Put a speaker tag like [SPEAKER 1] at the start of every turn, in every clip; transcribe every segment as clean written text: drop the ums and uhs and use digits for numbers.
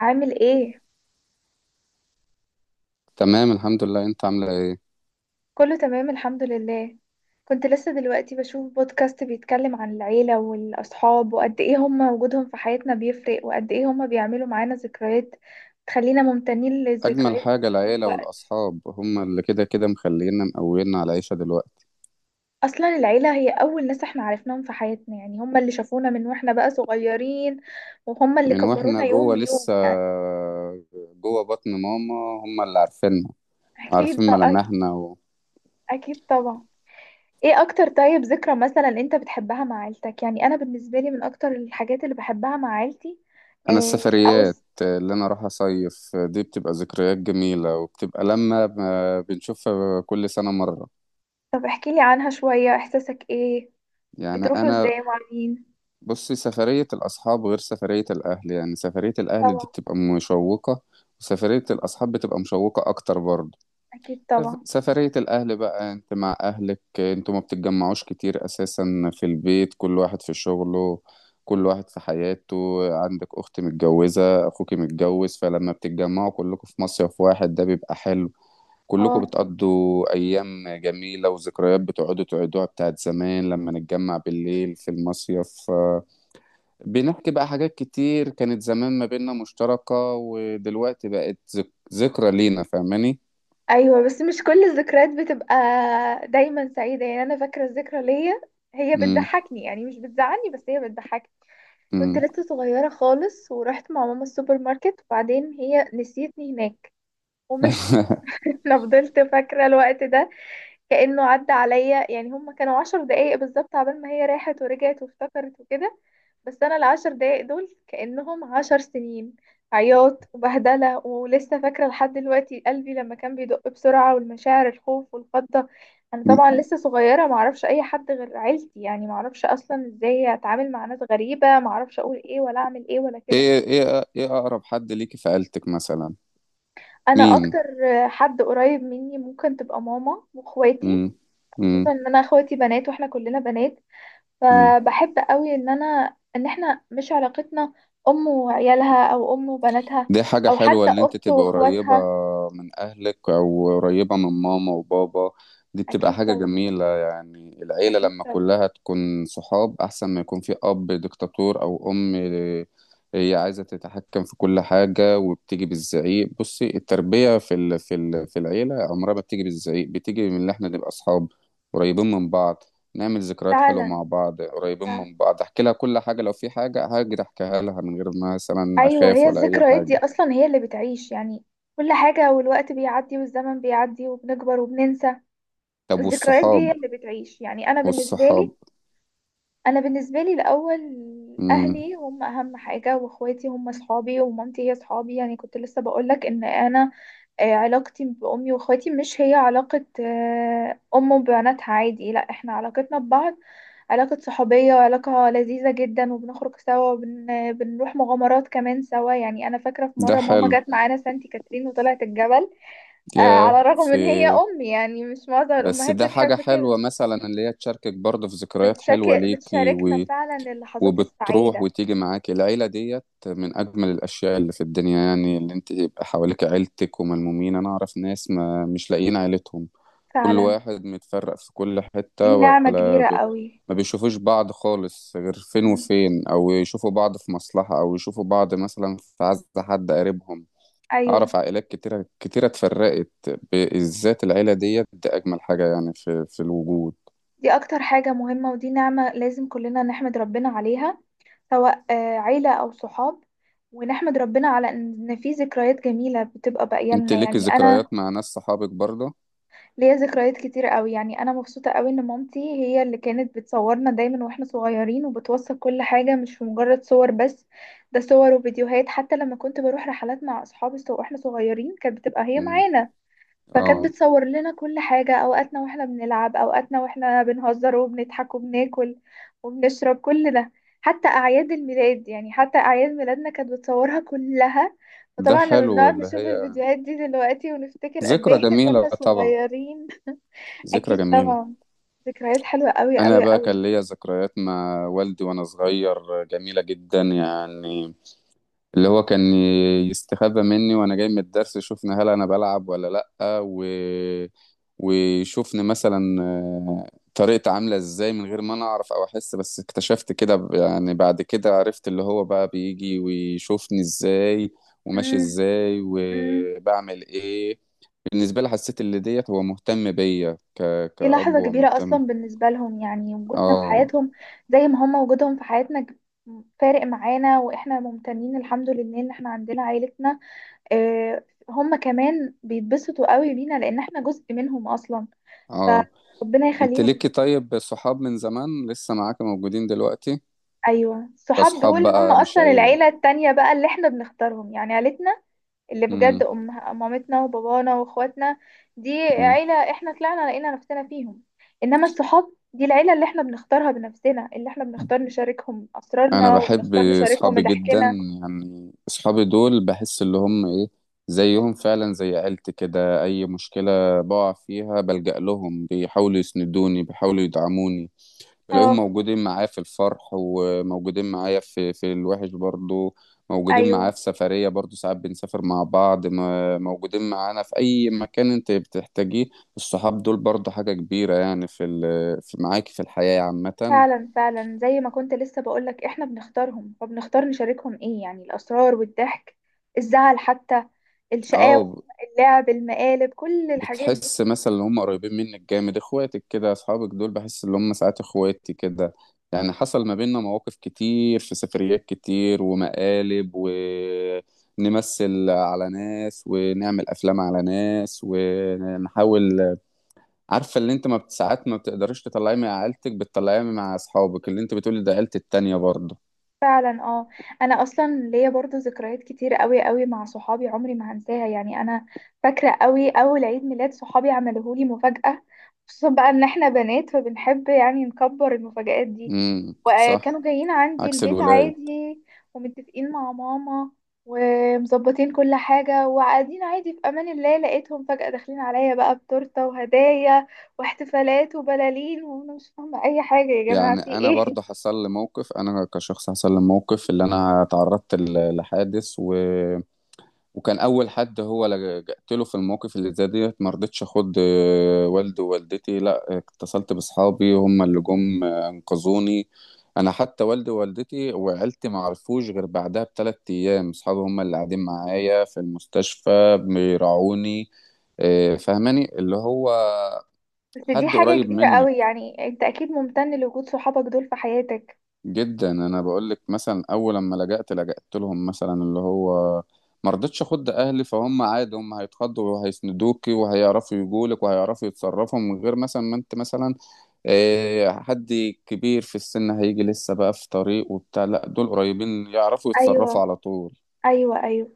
[SPEAKER 1] عامل ايه؟
[SPEAKER 2] تمام، الحمد لله. انت عامله ايه؟
[SPEAKER 1] كله تمام الحمد لله. كنت لسه دلوقتي بشوف بودكاست بيتكلم عن العيلة والأصحاب وقد ايه هما وجودهم في حياتنا بيفرق، وقد ايه هما بيعملوا معانا ذكريات تخلينا ممتنين
[SPEAKER 2] اجمل
[SPEAKER 1] للذكريات
[SPEAKER 2] حاجه
[SPEAKER 1] دي
[SPEAKER 2] العيله
[SPEAKER 1] الوقت.
[SPEAKER 2] والاصحاب، هم اللي كده كده مخلينا مقوينا على العيشه دلوقتي.
[SPEAKER 1] أصلا العيلة هي أول ناس احنا عرفناهم في حياتنا، يعني هما اللي شافونا من واحنا بقى صغيرين، وهما اللي
[SPEAKER 2] من واحنا
[SPEAKER 1] كبرونا يوم
[SPEAKER 2] جوه لسه،
[SPEAKER 1] بيوم يعني.
[SPEAKER 2] جوه بطن ماما. هم اللي عارفيننا
[SPEAKER 1] أكيد
[SPEAKER 2] وعارفين
[SPEAKER 1] بقى، أكيد،
[SPEAKER 2] ملامحنا و...
[SPEAKER 1] أكيد طبعا. ايه اكتر طيب ذكرى مثلا انت بتحبها مع عيلتك؟ يعني انا بالنسبه لي من اكتر الحاجات اللي بحبها مع عيلتي
[SPEAKER 2] انا
[SPEAKER 1] إيه؟ او
[SPEAKER 2] السفريات
[SPEAKER 1] س-
[SPEAKER 2] اللي انا اروح اصيف دي بتبقى ذكريات جميله، وبتبقى لما بنشوفها كل سنه مره.
[SPEAKER 1] طب احكي لي عنها شويه، احساسك ايه؟
[SPEAKER 2] يعني
[SPEAKER 1] بتروحوا
[SPEAKER 2] انا
[SPEAKER 1] ازاي؟ مع مين؟
[SPEAKER 2] بصي، سفريه الاصحاب غير سفريه الاهل. يعني سفريه الاهل دي
[SPEAKER 1] طبعا.
[SPEAKER 2] بتبقى مشوقه، وسفريه الاصحاب بتبقى مشوقه اكتر برضه.
[SPEAKER 1] اكيد طبعا.
[SPEAKER 2] سفرية الأهل بقى، أنت مع أهلك أنتوا ما بتتجمعوش كتير أساسا في البيت، كل واحد في شغله، كل واحد في حياته. عندك أخت متجوزة، أخوك متجوز، فلما بتتجمعوا كلكم في مصيف واحد ده بيبقى حلو. كلكم
[SPEAKER 1] اه،
[SPEAKER 2] بتقضوا أيام جميلة وذكريات بتقعدوا تعيدوها بتاعت زمان. لما نتجمع بالليل في المصيف، بنحكي بقى حاجات كتير كانت زمان ما بيننا مشتركة، ودلوقتي بقت ذكرى لينا. فاهماني؟
[SPEAKER 1] ايوه بس مش كل الذكريات بتبقى دايما سعيده. يعني انا فاكره الذكرى ليا، هي
[SPEAKER 2] مم.
[SPEAKER 1] بتضحكني يعني، مش بتزعلني بس هي بتضحكني. كنت لسه صغيره خالص ورحت مع ماما السوبر ماركت، وبعدين هي نسيتني هناك ومشيت. انا فضلت فاكرة الوقت ده كأنه عدى عليا، يعني هما كانوا 10 دقايق بالظبط عبال ما هي راحت ورجعت وافتكرت وكده، بس انا ال10 دقايق دول كأنهم 10 سنين. عياط وبهدلة، ولسه فاكرة لحد دلوقتي قلبي لما كان بيدق بسرعة، والمشاعر، الخوف والفضة. انا طبعا
[SPEAKER 2] مم.
[SPEAKER 1] لسه صغيرة، معرفش اي حد غير عيلتي، يعني معرفش اصلا ازاي اتعامل مع ناس غريبة، معرفش اقول ايه ولا اعمل ايه ولا كده.
[SPEAKER 2] ايه اقرب حد ليكي في عيلتك مثلا؟
[SPEAKER 1] انا
[SPEAKER 2] مين؟
[SPEAKER 1] اكتر حد قريب مني ممكن تبقى ماما واخواتي،
[SPEAKER 2] امم
[SPEAKER 1] خصوصا ان انا اخواتي بنات واحنا كلنا بنات،
[SPEAKER 2] امم
[SPEAKER 1] فبحب قوي ان انا، ان احنا مش علاقتنا ام وعيالها او ام وبناتها،
[SPEAKER 2] دي حاجة
[SPEAKER 1] او
[SPEAKER 2] حلوة،
[SPEAKER 1] حتى
[SPEAKER 2] اللي انت
[SPEAKER 1] اخت
[SPEAKER 2] تبقى قريبة
[SPEAKER 1] واخواتها.
[SPEAKER 2] من اهلك او قريبة من ماما وبابا. دي بتبقى
[SPEAKER 1] اكيد
[SPEAKER 2] حاجة
[SPEAKER 1] طبعا.
[SPEAKER 2] جميلة. يعني العيلة
[SPEAKER 1] اكيد
[SPEAKER 2] لما
[SPEAKER 1] طبعا.
[SPEAKER 2] كلها تكون صحاب احسن ما يكون في اب ديكتاتور، او ام هي عايزة تتحكم في كل حاجة وبتيجي بالزعيق. بصي، التربية في العيلة عمرها ما بتيجي بالزعيق. بتيجي من اللي احنا نبقى صحاب، قريبين من بعض، نعمل ذكريات حلوة
[SPEAKER 1] فعلا.
[SPEAKER 2] مع بعض،
[SPEAKER 1] ف...
[SPEAKER 2] قريبين من بعض، احكي لها كل حاجة. لو في حاجة هاجي احكيها لها من غير ما مثلا
[SPEAKER 1] ايوه،
[SPEAKER 2] اخاف
[SPEAKER 1] هي
[SPEAKER 2] ولا اي
[SPEAKER 1] الذكريات دي
[SPEAKER 2] حاجة.
[SPEAKER 1] اصلا هي اللي بتعيش يعني. كل حاجة، والوقت بيعدي والزمن بيعدي وبنكبر وبننسى.
[SPEAKER 2] طب
[SPEAKER 1] الذكريات دي
[SPEAKER 2] والصحاب
[SPEAKER 1] هي اللي بتعيش يعني. انا بالنسبة
[SPEAKER 2] والصحاب
[SPEAKER 1] لي، انا بالنسبة لي الاول
[SPEAKER 2] مم.
[SPEAKER 1] اهلي هم اهم حاجة، واخواتي هم اصحابي، ومامتي هي اصحابي. يعني كنت لسه بقولك ان انا، علاقتي بأمي وأخواتي مش هي علاقة أم وبناتها عادي، لا احنا علاقتنا ببعض علاقة صحوبية وعلاقة لذيذة جدا، وبنخرج سوا وبنروح مغامرات كمان سوا. يعني أنا فاكرة في
[SPEAKER 2] ده
[SPEAKER 1] مرة ماما
[SPEAKER 2] حلو.
[SPEAKER 1] جت معانا سانتي كاترين وطلعت الجبل،
[SPEAKER 2] يا
[SPEAKER 1] على الرغم
[SPEAKER 2] في.
[SPEAKER 1] من هي أمي، يعني مش معظم
[SPEAKER 2] بس
[SPEAKER 1] الأمهات
[SPEAKER 2] ده حاجة
[SPEAKER 1] بتحب كده.
[SPEAKER 2] حلوة مثلا، اللي هي تشاركك برضه في ذكريات حلوة ليكي
[SPEAKER 1] بتشاركنا
[SPEAKER 2] و...
[SPEAKER 1] فعلا اللحظات
[SPEAKER 2] وبتروح
[SPEAKER 1] السعيدة.
[SPEAKER 2] وتيجي معاكي. العيلة ديت من أجمل الأشياء اللي في الدنيا. يعني اللي أنت يبقى حواليك عيلتك وملمومين. أنا أعرف ناس ما مش لاقيين عيلتهم، كل
[SPEAKER 1] فعلا.
[SPEAKER 2] واحد متفرق في كل
[SPEAKER 1] دي
[SPEAKER 2] حتة
[SPEAKER 1] نعمة
[SPEAKER 2] ولا
[SPEAKER 1] كبيرة
[SPEAKER 2] ب...
[SPEAKER 1] قوي.
[SPEAKER 2] ما بيشوفوش بعض خالص غير فين
[SPEAKER 1] مم.
[SPEAKER 2] وفين، أو يشوفوا بعض في مصلحة، أو يشوفوا بعض مثلا في عز حد قريبهم.
[SPEAKER 1] أيوة،
[SPEAKER 2] اعرف عائلات كتيره كتيره اتفرقت. بالذات العيله ديت، ده اجمل حاجه يعني في الوجود.
[SPEAKER 1] دي أكتر حاجة مهمة، ودي نعمة لازم كلنا نحمد ربنا عليها، سواء عيلة أو صحاب. ونحمد ربنا على إن في ذكريات جميلة بتبقى باقية
[SPEAKER 2] انت
[SPEAKER 1] لنا،
[SPEAKER 2] ليكي
[SPEAKER 1] يعني أنا
[SPEAKER 2] ذكريات مع ناس صحابك برضه؟
[SPEAKER 1] ليا ذكريات كتير قوي. يعني أنا مبسوطة قوي إن مامتي هي اللي كانت بتصورنا دايما وإحنا صغيرين، وبتوثق كل حاجة مش مجرد صور بس، ده صور وفيديوهات. حتى لما كنت بروح رحلات مع أصحابي وإحنا صغيرين كانت بتبقى هي
[SPEAKER 2] مم.
[SPEAKER 1] معانا، فكانت
[SPEAKER 2] اه،
[SPEAKER 1] بتصور لنا كل حاجة، أوقاتنا وإحنا بنلعب، أوقاتنا وإحنا بنهزر وبنضحك وبناكل وبنشرب، كل ده. حتى أعياد الميلاد، يعني حتى أعياد ميلادنا كانت بتصورها كلها.
[SPEAKER 2] ده
[SPEAKER 1] وطبعا لما
[SPEAKER 2] حلو
[SPEAKER 1] بنقعد
[SPEAKER 2] اللي
[SPEAKER 1] نشوف
[SPEAKER 2] هي،
[SPEAKER 1] الفيديوهات دي دلوقتي ونفتكر قد
[SPEAKER 2] ذكرى
[SPEAKER 1] إيه إحنا
[SPEAKER 2] جميله
[SPEAKER 1] كنا
[SPEAKER 2] طبعا،
[SPEAKER 1] صغيرين.
[SPEAKER 2] ذكرى
[SPEAKER 1] أكيد
[SPEAKER 2] جميله.
[SPEAKER 1] طبعا. ذكريات حلوة أوي
[SPEAKER 2] انا
[SPEAKER 1] أوي
[SPEAKER 2] بقى
[SPEAKER 1] أوي.
[SPEAKER 2] كان ليا ذكريات مع والدي وانا صغير جميله جدا يعني. اللي هو كان يستخبى مني وانا جاي من الدرس، يشوفني هل انا بلعب ولا لأ و... ويشوفني مثلا، طريقتي عاملة ازاي من غير ما انا اعرف او احس. بس اكتشفت كده، يعني بعد كده عرفت اللي هو بقى بيجي ويشوفني ازاي وماشي
[SPEAKER 1] أمم،
[SPEAKER 2] ازاي
[SPEAKER 1] أمم.
[SPEAKER 2] وبعمل ايه. بالنسبة لي حسيت اللي ديت هو مهتم بيا
[SPEAKER 1] دي
[SPEAKER 2] كأب،
[SPEAKER 1] لحظة
[SPEAKER 2] هو
[SPEAKER 1] كبيرة أصلا
[SPEAKER 2] مهتم.
[SPEAKER 1] بالنسبة لهم، يعني وجودنا في
[SPEAKER 2] اه،
[SPEAKER 1] حياتهم زي ما هم وجودهم في حياتنا فارق معانا. وإحنا ممتنين الحمد لله إن إحنا عندنا عائلتنا. هم كمان بيتبسطوا قوي بينا لأن إحنا جزء منهم أصلا،
[SPEAKER 2] اه،
[SPEAKER 1] فربنا
[SPEAKER 2] انت
[SPEAKER 1] يخليهم.
[SPEAKER 2] ليكي طيب صحاب من زمان لسه معاك موجودين دلوقتي؟
[SPEAKER 1] أيوة، الصحاب
[SPEAKER 2] كأصحاب
[SPEAKER 1] دول هم
[SPEAKER 2] بقى مش
[SPEAKER 1] أصلا
[SPEAKER 2] عيلة؟
[SPEAKER 1] العيلة التانية بقى اللي إحنا بنختارهم. يعني عيلتنا اللي بجد
[SPEAKER 2] مم.
[SPEAKER 1] أم مامتنا وبابانا واخواتنا، دي
[SPEAKER 2] مم.
[SPEAKER 1] عيلة احنا طلعنا لقينا نفسنا فيهم. انما الصحاب دي العيلة اللي احنا بنختارها بنفسنا، اللي احنا بنختار نشاركهم
[SPEAKER 2] أنا
[SPEAKER 1] اسرارنا
[SPEAKER 2] بحب
[SPEAKER 1] وبنختار نشاركهم
[SPEAKER 2] أصحابي جدا.
[SPEAKER 1] ضحكنا.
[SPEAKER 2] يعني أصحابي دول بحس اللي هم إيه، زيهم فعلا زي عيلتي كده. أي مشكلة بقع فيها بلجأ لهم، بيحاولوا يسندوني، بيحاولوا يدعموني. تلاقيهم
[SPEAKER 1] اه.
[SPEAKER 2] موجودين معاه في الفرح، وموجودين معايا في الوحش برضو. موجودين معاه
[SPEAKER 1] ايوه
[SPEAKER 2] في سفرية برضو، ساعات بنسافر مع بعض، موجودين معانا في أي مكان أنت بتحتاجيه. الصحاب دول برضو حاجة كبيرة يعني في معاك في الحياة عامة.
[SPEAKER 1] فعلا، فعلا زي ما كنت لسه بقولك احنا بنختارهم، فبنختار نشاركهم ايه يعني، الاسرار والضحك، الزعل حتى، الشقاوة،
[SPEAKER 2] اه،
[SPEAKER 1] اللعب، المقالب، كل الحاجات دي.
[SPEAKER 2] بتحس مثلا ان هم قريبين منك جامد. اخواتك كده، اصحابك دول بحس ان هم ساعات اخواتي كده. يعني حصل ما بيننا مواقف كتير في سفريات كتير، ومقالب، ونمثل على ناس، ونعمل افلام على ناس، ونحاول. عارفه اللي انت ما بت- ساعات ما بتقدريش تطلعيه مع عيلتك بتطلعيه مع اصحابك، اللي انت بتقولي ده عيلتي التانية برضه.
[SPEAKER 1] فعلا اه. انا اصلا ليا برضو ذكريات كتير قوي قوي مع صحابي عمري ما هنساها، يعني انا فاكره قوي اول عيد ميلاد صحابي عملوه لي مفاجاه، خصوصا بقى ان احنا بنات فبنحب يعني نكبر المفاجآت دي. وكانوا
[SPEAKER 2] صح.
[SPEAKER 1] جايين عندي
[SPEAKER 2] عكس
[SPEAKER 1] البيت
[SPEAKER 2] الولاد.
[SPEAKER 1] عادي، ومتفقين مع ماما، ومظبطين كل حاجه، وقاعدين عادي في امان الله، لقيتهم فجاه داخلين عليا بقى بتورته وهدايا واحتفالات وبلالين، وانا مش فاهمه اي حاجه، يا جماعه
[SPEAKER 2] يعني
[SPEAKER 1] في
[SPEAKER 2] انا
[SPEAKER 1] ايه؟
[SPEAKER 2] برضه حصل لي موقف. انا كشخص حصل لي موقف اللي انا تعرضت لحادث و... وكان اول حد هو لجأت له في الموقف اللي زي ديت. ما رضيتش اخد، والدي ووالدتي. لا، اتصلت باصحابي، هم اللي جم، انقذوني. انا حتى والدي ووالدتي وعيلتي ما عرفوش غير بعدها ب 3 ايام. اصحابي هم اللي قاعدين معايا في المستشفى بيراعوني، فاهماني اللي هو
[SPEAKER 1] بس دي
[SPEAKER 2] حد
[SPEAKER 1] حاجة
[SPEAKER 2] قريب
[SPEAKER 1] كبيرة قوي،
[SPEAKER 2] منك
[SPEAKER 1] يعني انت اكيد ممتن لوجود صحابك دول في حياتك.
[SPEAKER 2] جدا. انا بقول لك مثلا، اول لما لجأت لهم مثلا اللي هو ما رضيتش اخد اهلي، فهم عادي هم هيتخضوا وهيسندوكي، وهيعرفوا يجولك، وهيعرفوا يتصرفوا من غير مثلا ما انت مثلا، حد كبير في السن هيجي لسه بقى في طريق وبتاع. لا، دول قريبين يعرفوا يتصرفوا
[SPEAKER 1] ايوه،
[SPEAKER 2] على طول.
[SPEAKER 1] ايوه، ايوه.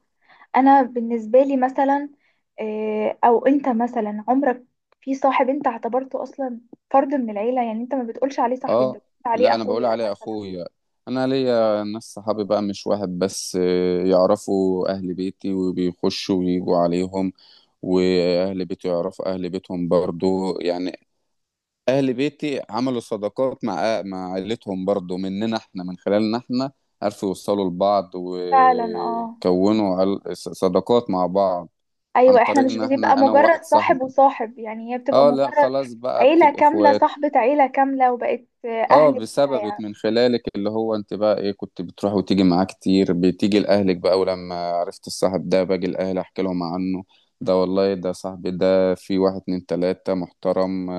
[SPEAKER 1] انا بالنسبة لي مثلا، او انت مثلا عمرك في صاحب انت اعتبرته اصلا فرد من العيلة، يعني انت ما بتقولش عليه صاحبي، انت بتقول
[SPEAKER 2] اه،
[SPEAKER 1] عليه
[SPEAKER 2] لا انا بقول
[SPEAKER 1] اخويا
[SPEAKER 2] عليه
[SPEAKER 1] مثلا.
[SPEAKER 2] اخويا. انا ليا ناس صحابي بقى مش واحد بس، يعرفوا اهل بيتي وبيخشوا ويجوا عليهم، واهل بيتي يعرفوا اهل بيتهم برضو. يعني اهل بيتي عملوا صداقات مع عيلتهم برضو، مننا احنا، من خلالنا احنا عرفوا يوصلوا لبعض
[SPEAKER 1] فعلا اه.
[SPEAKER 2] وكونوا صداقات مع بعض، عن
[SPEAKER 1] ايوه احنا
[SPEAKER 2] طريق
[SPEAKER 1] مش
[SPEAKER 2] ان
[SPEAKER 1] بتبقى
[SPEAKER 2] احنا، انا
[SPEAKER 1] مجرد
[SPEAKER 2] وواحد
[SPEAKER 1] صاحب
[SPEAKER 2] صاحبي.
[SPEAKER 1] وصاحب، يعني هي بتبقى
[SPEAKER 2] اه، لا
[SPEAKER 1] مجرد
[SPEAKER 2] خلاص بقى
[SPEAKER 1] عيلة
[SPEAKER 2] بتبقى
[SPEAKER 1] كاملة،
[SPEAKER 2] اخوات.
[SPEAKER 1] صاحبة عيلة كاملة، وبقت
[SPEAKER 2] اه،
[SPEAKER 1] اهل ليها
[SPEAKER 2] بسببك،
[SPEAKER 1] يعني.
[SPEAKER 2] من خلالك اللي هو انت بقى ايه، كنت بتروح وتيجي معاه كتير، بتيجي لاهلك بقى، ولما عرفت الصاحب ده باجي لاهلي احكي لهم عنه، ده والله ده صاحبي ده، في واحد اتنين تلاتة محترم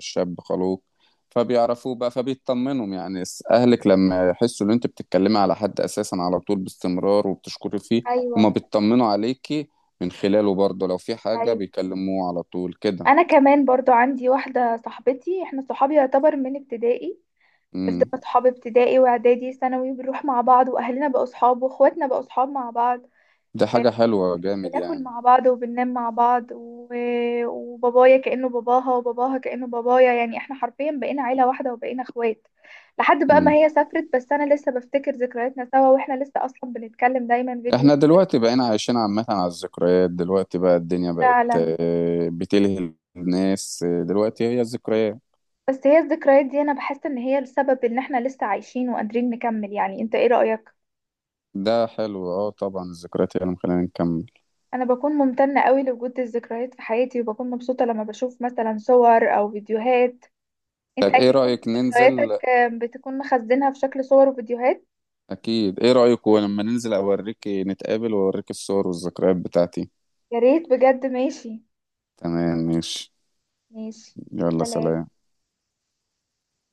[SPEAKER 2] شاب خلوق. فبيعرفوه بقى فبيطمنهم. يعني اهلك لما يحسوا ان انت بتتكلمي على حد اساسا على طول باستمرار، وبتشكري فيه،
[SPEAKER 1] ايوه،
[SPEAKER 2] هما بيطمنوا عليكي من خلاله برضه. لو في حاجة
[SPEAKER 1] ايوه.
[SPEAKER 2] بيكلموه على طول كده.
[SPEAKER 1] انا كمان برضو عندي واحده صاحبتي، احنا صحابي يعتبر من ابتدائي،
[SPEAKER 2] امم
[SPEAKER 1] فضلنا صحاب ابتدائي واعدادي ثانوي، بنروح مع بعض، واهلنا بقوا صحاب، واخواتنا بقوا صحاب مع بعض،
[SPEAKER 2] دي حاجة حلوة جامد
[SPEAKER 1] بناكل
[SPEAKER 2] يعني.
[SPEAKER 1] مع بعض وبننام مع بعض. وبابايا كانه باباها، وباباها كانه بابايا، يعني احنا حرفيا بقينا عيله واحده، وبقينا اخوات لحد بقى ما
[SPEAKER 2] امم
[SPEAKER 1] هي سافرت. بس انا لسه بفتكر ذكرياتنا سوا، واحنا لسه اصلا بنتكلم دايما فيديو.
[SPEAKER 2] احنا دلوقتي بقينا عايشين عامة على الذكريات. دلوقتي بقى الدنيا بقت
[SPEAKER 1] فعلا.
[SPEAKER 2] آه، بتلهي الناس، دلوقتي هي الذكريات.
[SPEAKER 1] بس هي الذكريات دي انا بحس ان هي السبب ان احنا لسه عايشين وقادرين نكمل، يعني انت ايه رايك؟
[SPEAKER 2] ده حلو، اه طبعا الذكريات هي اللي مخلينا نكمل.
[SPEAKER 1] انا بكون ممتنة قوي لوجود الذكريات في حياتي، وبكون مبسوطة لما بشوف مثلا صور او فيديوهات. انت
[SPEAKER 2] طب ايه
[SPEAKER 1] اكيد برضه
[SPEAKER 2] رأيك ننزل
[SPEAKER 1] ذكرياتك بتكون مخزنها في شكل صور وفيديوهات.
[SPEAKER 2] اكيد، ايه رايك لما ننزل، اوريك نتقابل واوريك الصور والذكريات بتاعتي.
[SPEAKER 1] يا ريت بجد، ماشي.
[SPEAKER 2] تمام، ماشي.
[SPEAKER 1] ماشي.
[SPEAKER 2] يلا،
[SPEAKER 1] سلام.
[SPEAKER 2] سلام.